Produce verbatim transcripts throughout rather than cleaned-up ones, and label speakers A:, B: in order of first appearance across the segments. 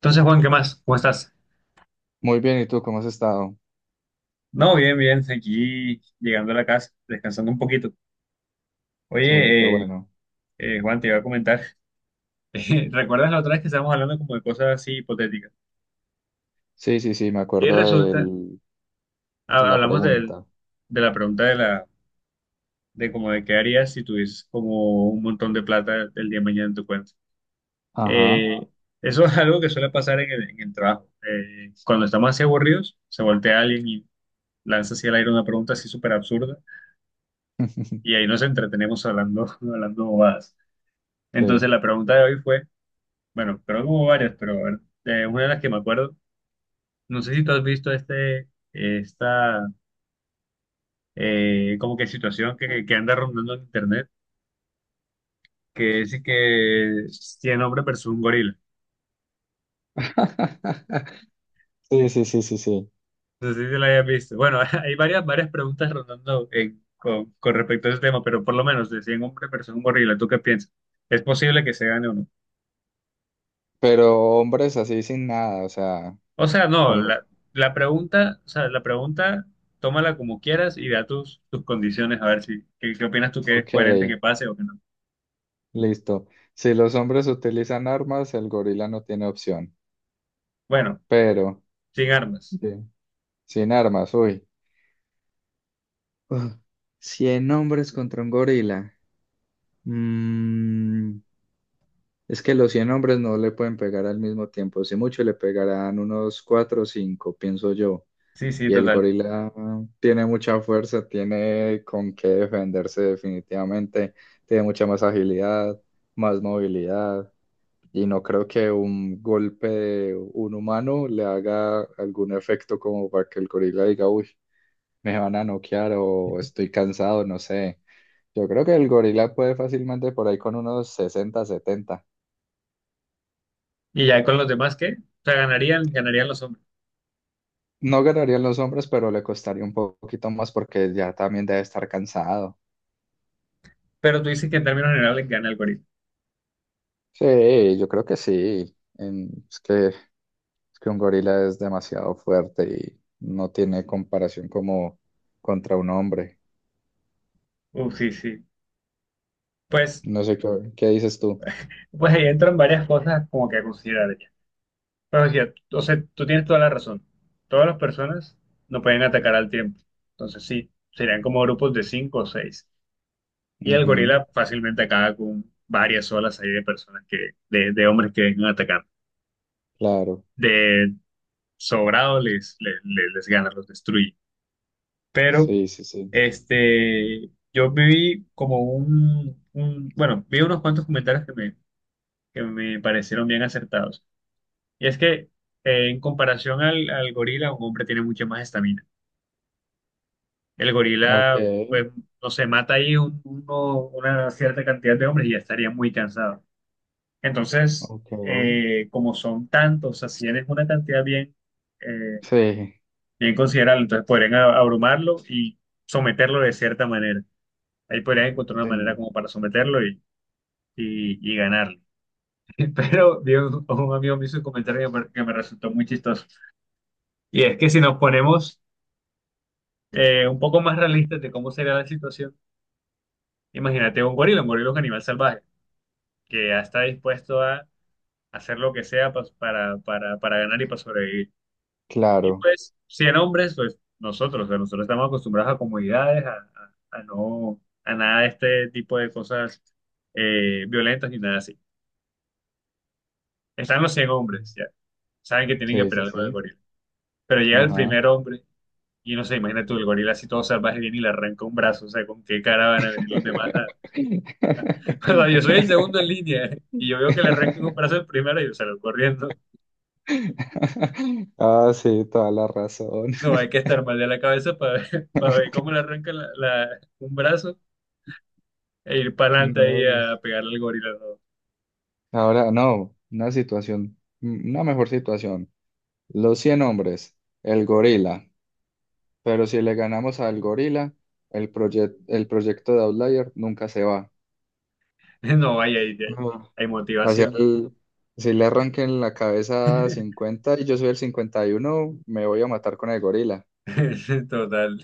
A: Entonces, Juan, ¿qué más? ¿Cómo estás?
B: Muy bien, ¿y tú cómo has estado?
A: No, bien, bien, aquí llegando a la casa, descansando un poquito.
B: Sí, qué
A: Oye, eh,
B: bueno.
A: eh, Juan, te iba a comentar, eh, ¿recuerdas la otra vez que estábamos hablando como de cosas así hipotéticas?
B: Sí, sí, sí, me
A: Y
B: acuerdo de
A: resulta, ha-
B: la
A: hablamos del-
B: pregunta.
A: de la pregunta de la, de como de qué harías si tuvieses como un montón de plata el día de mañana en tu cuenta.
B: Ajá.
A: Eh, eso es algo que suele pasar en el, en el trabajo. Eh, cuando estamos así aburridos, se voltea alguien y lanza hacia el aire una pregunta así súper absurda y ahí nos entretenemos hablando, hablando bobadas. Entonces
B: Sí.
A: la pregunta de hoy fue, bueno, creo que hubo varias, pero a ver, eh, una de las que me acuerdo, no sé si tú has visto este, esta, eh, como que situación que, que anda rondando en internet, que es que cien hombres versus un gorila.
B: Sí, sí, sí, sí, sí.
A: No sé si te la hayas visto. Bueno, hay varias, varias preguntas rondando en- con, con respecto a ese tema, pero por lo menos de cien hombres versus un gorila, ¿tú qué piensas? ¿Es posible que se gane o no?
B: Pero hombres así sin nada, o sea,
A: O sea, no,
B: con los...
A: la, la pregunta, o sea, la pregunta, tómala como quieras y da tus, tus condiciones, a ver si, qué, qué opinas tú que es
B: Ok,
A: coherente que pase o que no.
B: listo. Si los hombres utilizan armas, el gorila no tiene opción.
A: Bueno,
B: Pero,
A: sin armas.
B: bien, sin armas, uy. Uf, cien hombres contra un gorila. Mm, es que los cien hombres no le pueden pegar al mismo tiempo. Si mucho le pegarán unos cuatro o cinco, pienso yo.
A: Sí, sí,
B: Y el
A: total.
B: gorila ah, tiene mucha fuerza, tiene con qué defenderse definitivamente, tiene mucha más agilidad, más movilidad. Y no creo que un golpe de un humano le haga algún efecto como para que el gorila diga, uy, me van a noquear o estoy cansado, no sé. Yo creo que el gorila puede fácilmente por ahí con unos sesenta setenta.
A: Y ya con los demás, ¿qué? O sea, ganarían, ganarían los hombres.
B: No ganarían los hombres, pero le costaría un poquito más porque ya también debe estar cansado.
A: Pero tú dices que en términos generales gana el gorila.
B: Sí, yo creo que sí. En- es que, es que un gorila es demasiado fuerte y no tiene comparación como contra un hombre.
A: Uf, sí, sí. Pues,
B: No sé qué, qué dices tú.
A: pues ahí entran varias cosas como que a considerar ya. Pero sí, o sea, tú tienes toda la razón. Todas las personas no pueden atacar al tiempo. Entonces sí, serían como grupos de cinco o seis. Y el
B: Ujú,
A: gorila fácilmente acaba con varias olas ahí de personas que, de, de hombres que vengan a atacar.
B: claro.
A: De sobrado les, les, les, les gana, los destruye. Pero,
B: Sí, sí, sí.
A: este, yo viví como un, un- bueno, vi unos cuantos comentarios que me, que me parecieron bien acertados. Y es que, eh, en comparación al, al gorila, un hombre tiene mucha más estamina. El
B: Ok,
A: gorila, pues, no se mata ahí un- uno- una cierta cantidad de hombres y ya estaría muy cansado. Entonces,
B: ok.
A: eh, como son tantos, así es una cantidad bien, eh,
B: Sí,
A: bien considerable, entonces podrían a- abrumarlo y someterlo de cierta manera. Ahí podrían encontrar una
B: sí,
A: manera como para someterlo y, y, y ganarlo. Pero vi un, un amigo me hizo un comentario que me, que me resultó muy chistoso. Y es que si nos ponemos eh, un poco más realistas de cómo sería la situación, imagínate un gorila, un gorila es un animal salvaje que ya está dispuesto a hacer lo que sea pa- para, para, para ganar y para sobrevivir. Y
B: claro.
A: pues, cien hombres, pues nosotros, o sea, nosotros estamos acostumbrados a comodidades, a, a- a no, a nada de este tipo de cosas eh, violentas ni nada así. Están los cien hombres, ya, saben que tienen que
B: Sí, sí,
A: pelear con el
B: sí.
A: gorila. Pero llega el
B: Ajá.
A: primer hombre y no sé, imagina tú, el gorila así todo salvaje viene y le arranca un brazo, o sea, ¿con qué cara van a venir los demás? A- O sea, yo soy el segundo en línea eh, y yo veo que le arrancan un brazo el primero y yo salgo corriendo.
B: Ah, sí, toda la razón.
A: No, no, hay que estar mal de la cabeza para ver, para ver cómo le arranca la, la- un brazo e ir para adelante ahí
B: No, pues,
A: a pegarle al gorila.
B: ahora no, una situación, mm, una mejor situación. Los cien hombres, el gorila. Pero si le ganamos al gorila, el, proye- el proyecto de Outlier nunca se va.
A: No, no vaya ahí, ahí.
B: Ajá.
A: Hay
B: Hacia
A: motivación.
B: el- si le arranquen la cabeza a cincuenta y yo soy el cincuenta y uno, me voy a matar con el gorila.
A: Total,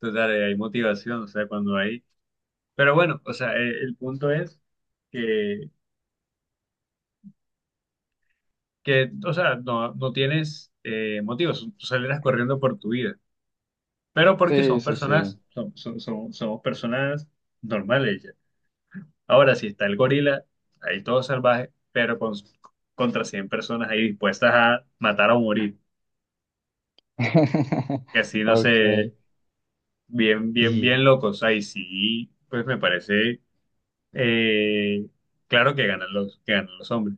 A: total, eh, hay motivación, o sea, cuando hay. Pero bueno, o sea, eh, el punto es que, que o sea, no, no tienes eh, motivos, tú saldrás corriendo por tu vida, pero porque
B: Sí,
A: son
B: sí,
A: personas,
B: sí.
A: son, son, son- somos personas normales ya. Ahora, si está el gorila, ahí todo salvaje, pero con, contra cien personas ahí dispuestas a matar o morir, que así no
B: Ok.
A: sé, bien, bien, bien locos. Ahí sí, pues me parece eh, claro que ganan los, que ganan los hombres,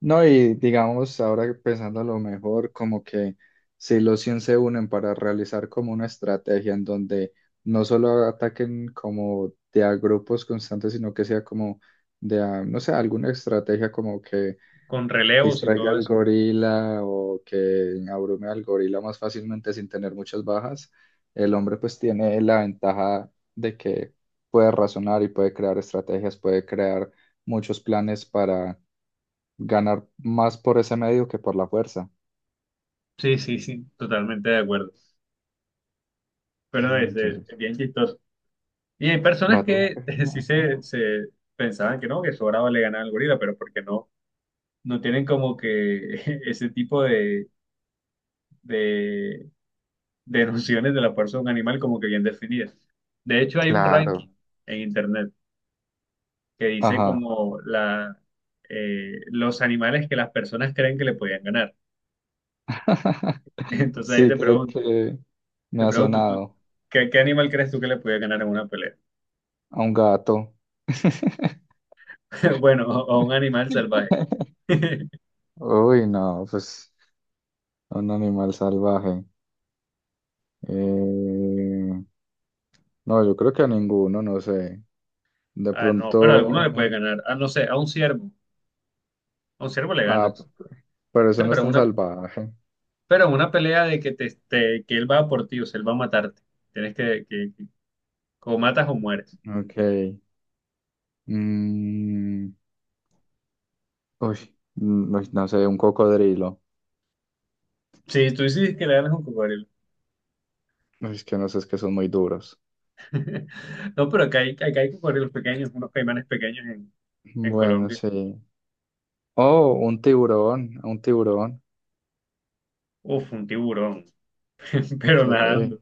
B: No, y digamos, ahora pensando lo mejor, como que si los cien se unen para realizar como una estrategia en donde no solo ataquen como de a grupos constantes, sino que sea como de a, no sé, alguna estrategia como que
A: con relevos y
B: distraiga
A: todo
B: al
A: eso.
B: gorila o que abrume al gorila más fácilmente sin tener muchas bajas, el hombre pues tiene la ventaja de que puede razonar y puede crear estrategias, puede crear muchos planes para ganar más por ese medio que por la fuerza.
A: Sí, sí, sí, totalmente de acuerdo. Pero no,
B: No,
A: es, eh,
B: entonces,
A: bien chistoso. Y hay
B: va
A: personas
B: todo.
A: que sí
B: Ajá.
A: se, se pensaban que no, que sobraba le ganaba al gorila, pero porque no, no tienen como que ese tipo de, de, de nociones de la fuerza de un animal como que bien definidas. De hecho, hay un ranking
B: Claro.
A: en internet que dice
B: Ajá.
A: como la, eh, los animales que las personas creen que le podían ganar. Entonces ahí
B: Sí,
A: te
B: creo
A: pregunto,
B: que me
A: te
B: ha
A: pregunto, ¿tú,
B: sonado
A: qué, qué animal crees tú que le podía ganar en una pelea?
B: a un gato.
A: Bueno, a a un animal salvaje.
B: Uy, no, pues a un animal salvaje. Eh, no, yo creo que a ninguno, no sé. De
A: Ah, no, pero a alguno le puede
B: pronto,
A: ganar. Ah, no sé, a un ciervo. A un ciervo le
B: ah,
A: ganas. O
B: pero eso
A: sea,
B: no es
A: pero
B: tan
A: una,
B: salvaje.
A: pero una pelea de que, te, te- que él va por ti, o sea, él va a matarte. Tienes que, que, que- o matas o mueres.
B: Ok. Mm, uy, mm, uy, no sé, un cocodrilo.
A: Sí, tú dices que le ganas a un cocodrilo.
B: Uy, es que no sé, es que son muy duros.
A: No, pero acá hay, acá hay cocodrilos pequeños, unos caimanes pequeños en, en
B: Bueno,
A: Colombia.
B: sí. Oh, un tiburón, un tiburón.
A: Uf, un tiburón, pero
B: Sí.
A: nadando.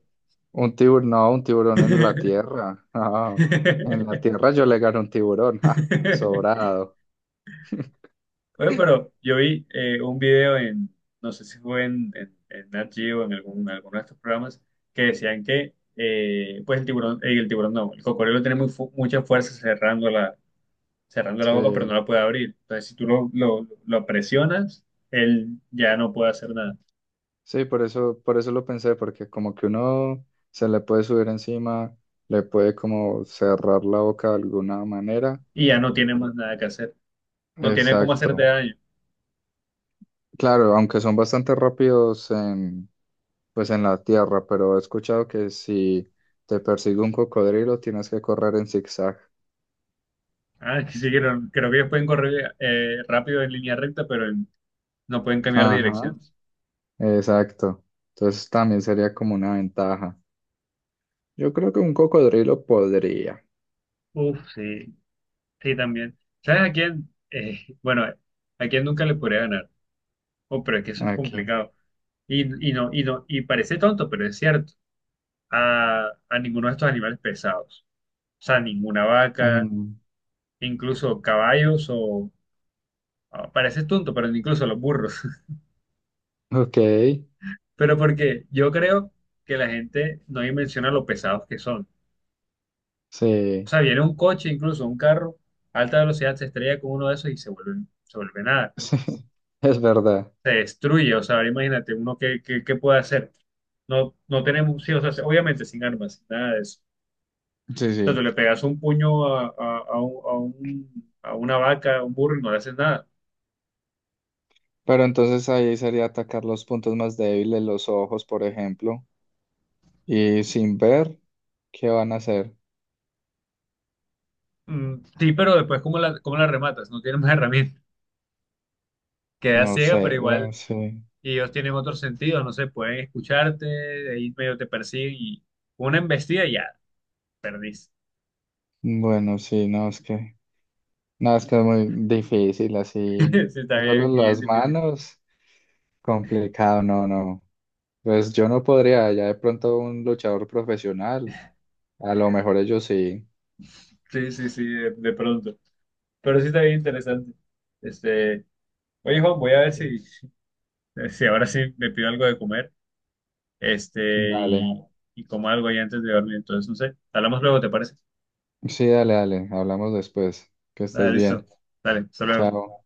B: Un tiburón, no, un tiburón en la tierra. Ah, en la tierra yo le gano un tiburón. Ja, sobrado.
A: Oye, pero yo vi eh, un video en, no sé si fue en, en, en Nat Geo, en algún, en alguno de estos programas, que decían que eh, pues el tiburón, eh, el tiburón no, el cocodrilo tiene muy fu- mucha fuerza cerrando la, cerrando la boca, pero no
B: Sí,
A: la puede abrir. Entonces, si tú lo, lo, lo presionas, él ya no puede hacer nada
B: sí, por eso, por eso lo pensé, porque como que uno se le puede subir encima, le puede como cerrar la boca de alguna manera.
A: y ya no tiene más nada que hacer. No tiene cómo hacerte
B: Exacto.
A: daño.
B: Claro, aunque son bastante rápidos en, pues en la tierra, pero he escuchado que si te persigue un cocodrilo tienes que correr en zigzag.
A: Ah, es sí, creo, creo que ellos pueden correr eh, rápido en línea recta, pero en- no pueden cambiar de
B: Ajá,
A: direcciones.
B: exacto. Entonces también sería como una ventaja. Yo creo que un cocodrilo podría.
A: Uf, sí, sí, también. ¿Sabes a quién? Eh, bueno, a quién nunca le podría ganar. Oh, pero es que eso es
B: Aquí.
A: complicado. Y, y no, y no, y parece tonto, pero es cierto. A, a ninguno de estos animales pesados. O sea, ninguna vaca,
B: Mm,
A: incluso caballos o... ah, parece tonto, pero incluso los burros.
B: ok,
A: Pero porque yo creo que la gente no dimensiona lo pesados que son. O
B: sí,
A: sea, viene un coche, incluso un carro, a alta velocidad, se estrella con uno de esos y se vuelve, se vuelve nada.
B: sí, es verdad.
A: Se destruye. O sea, ahora imagínate uno qué, qué, qué puede hacer. No, no tenemos, sí, o sea, obviamente sin armas, nada de eso.
B: Sí,
A: O sea, tú le
B: sí.
A: pegas un puño a, a, a un, a un- a una vaca, a un burro y no le haces nada.
B: Pero entonces ahí sería atacar los puntos más débiles, los ojos, por ejemplo. Y sin ver, ¿qué van a hacer?
A: Mm, sí, pero después, ¿cómo la, cómo la rematas? No tienes más herramientas. Queda
B: No
A: ciega, pero
B: sé,
A: igual
B: bueno, sí.
A: y ellos tienen otros sentidos, no sé, pueden escucharte, de ahí medio te persiguen y una embestida y ya, perdiste.
B: Bueno, sí, no, es que, no, es que es muy difícil así.
A: Sí, está
B: Solo
A: bien, bien
B: las
A: difícil.
B: manos, complicado, no, no. Pues yo no podría, ya de pronto un luchador profesional, a lo mejor ellos sí.
A: Sí, sí, sí, de, de pronto. Pero sí está bien interesante. Este, oye, Juan, voy a ver si, si ahora sí me pido algo de comer, este, y,
B: Dale,
A: y como algo ahí antes de dormir. Entonces, no sé, hablamos luego, ¿te parece?
B: sí, dale, dale, hablamos después. Que
A: Dale,
B: estés
A: listo.
B: bien.
A: Dale, hasta luego.
B: Chao.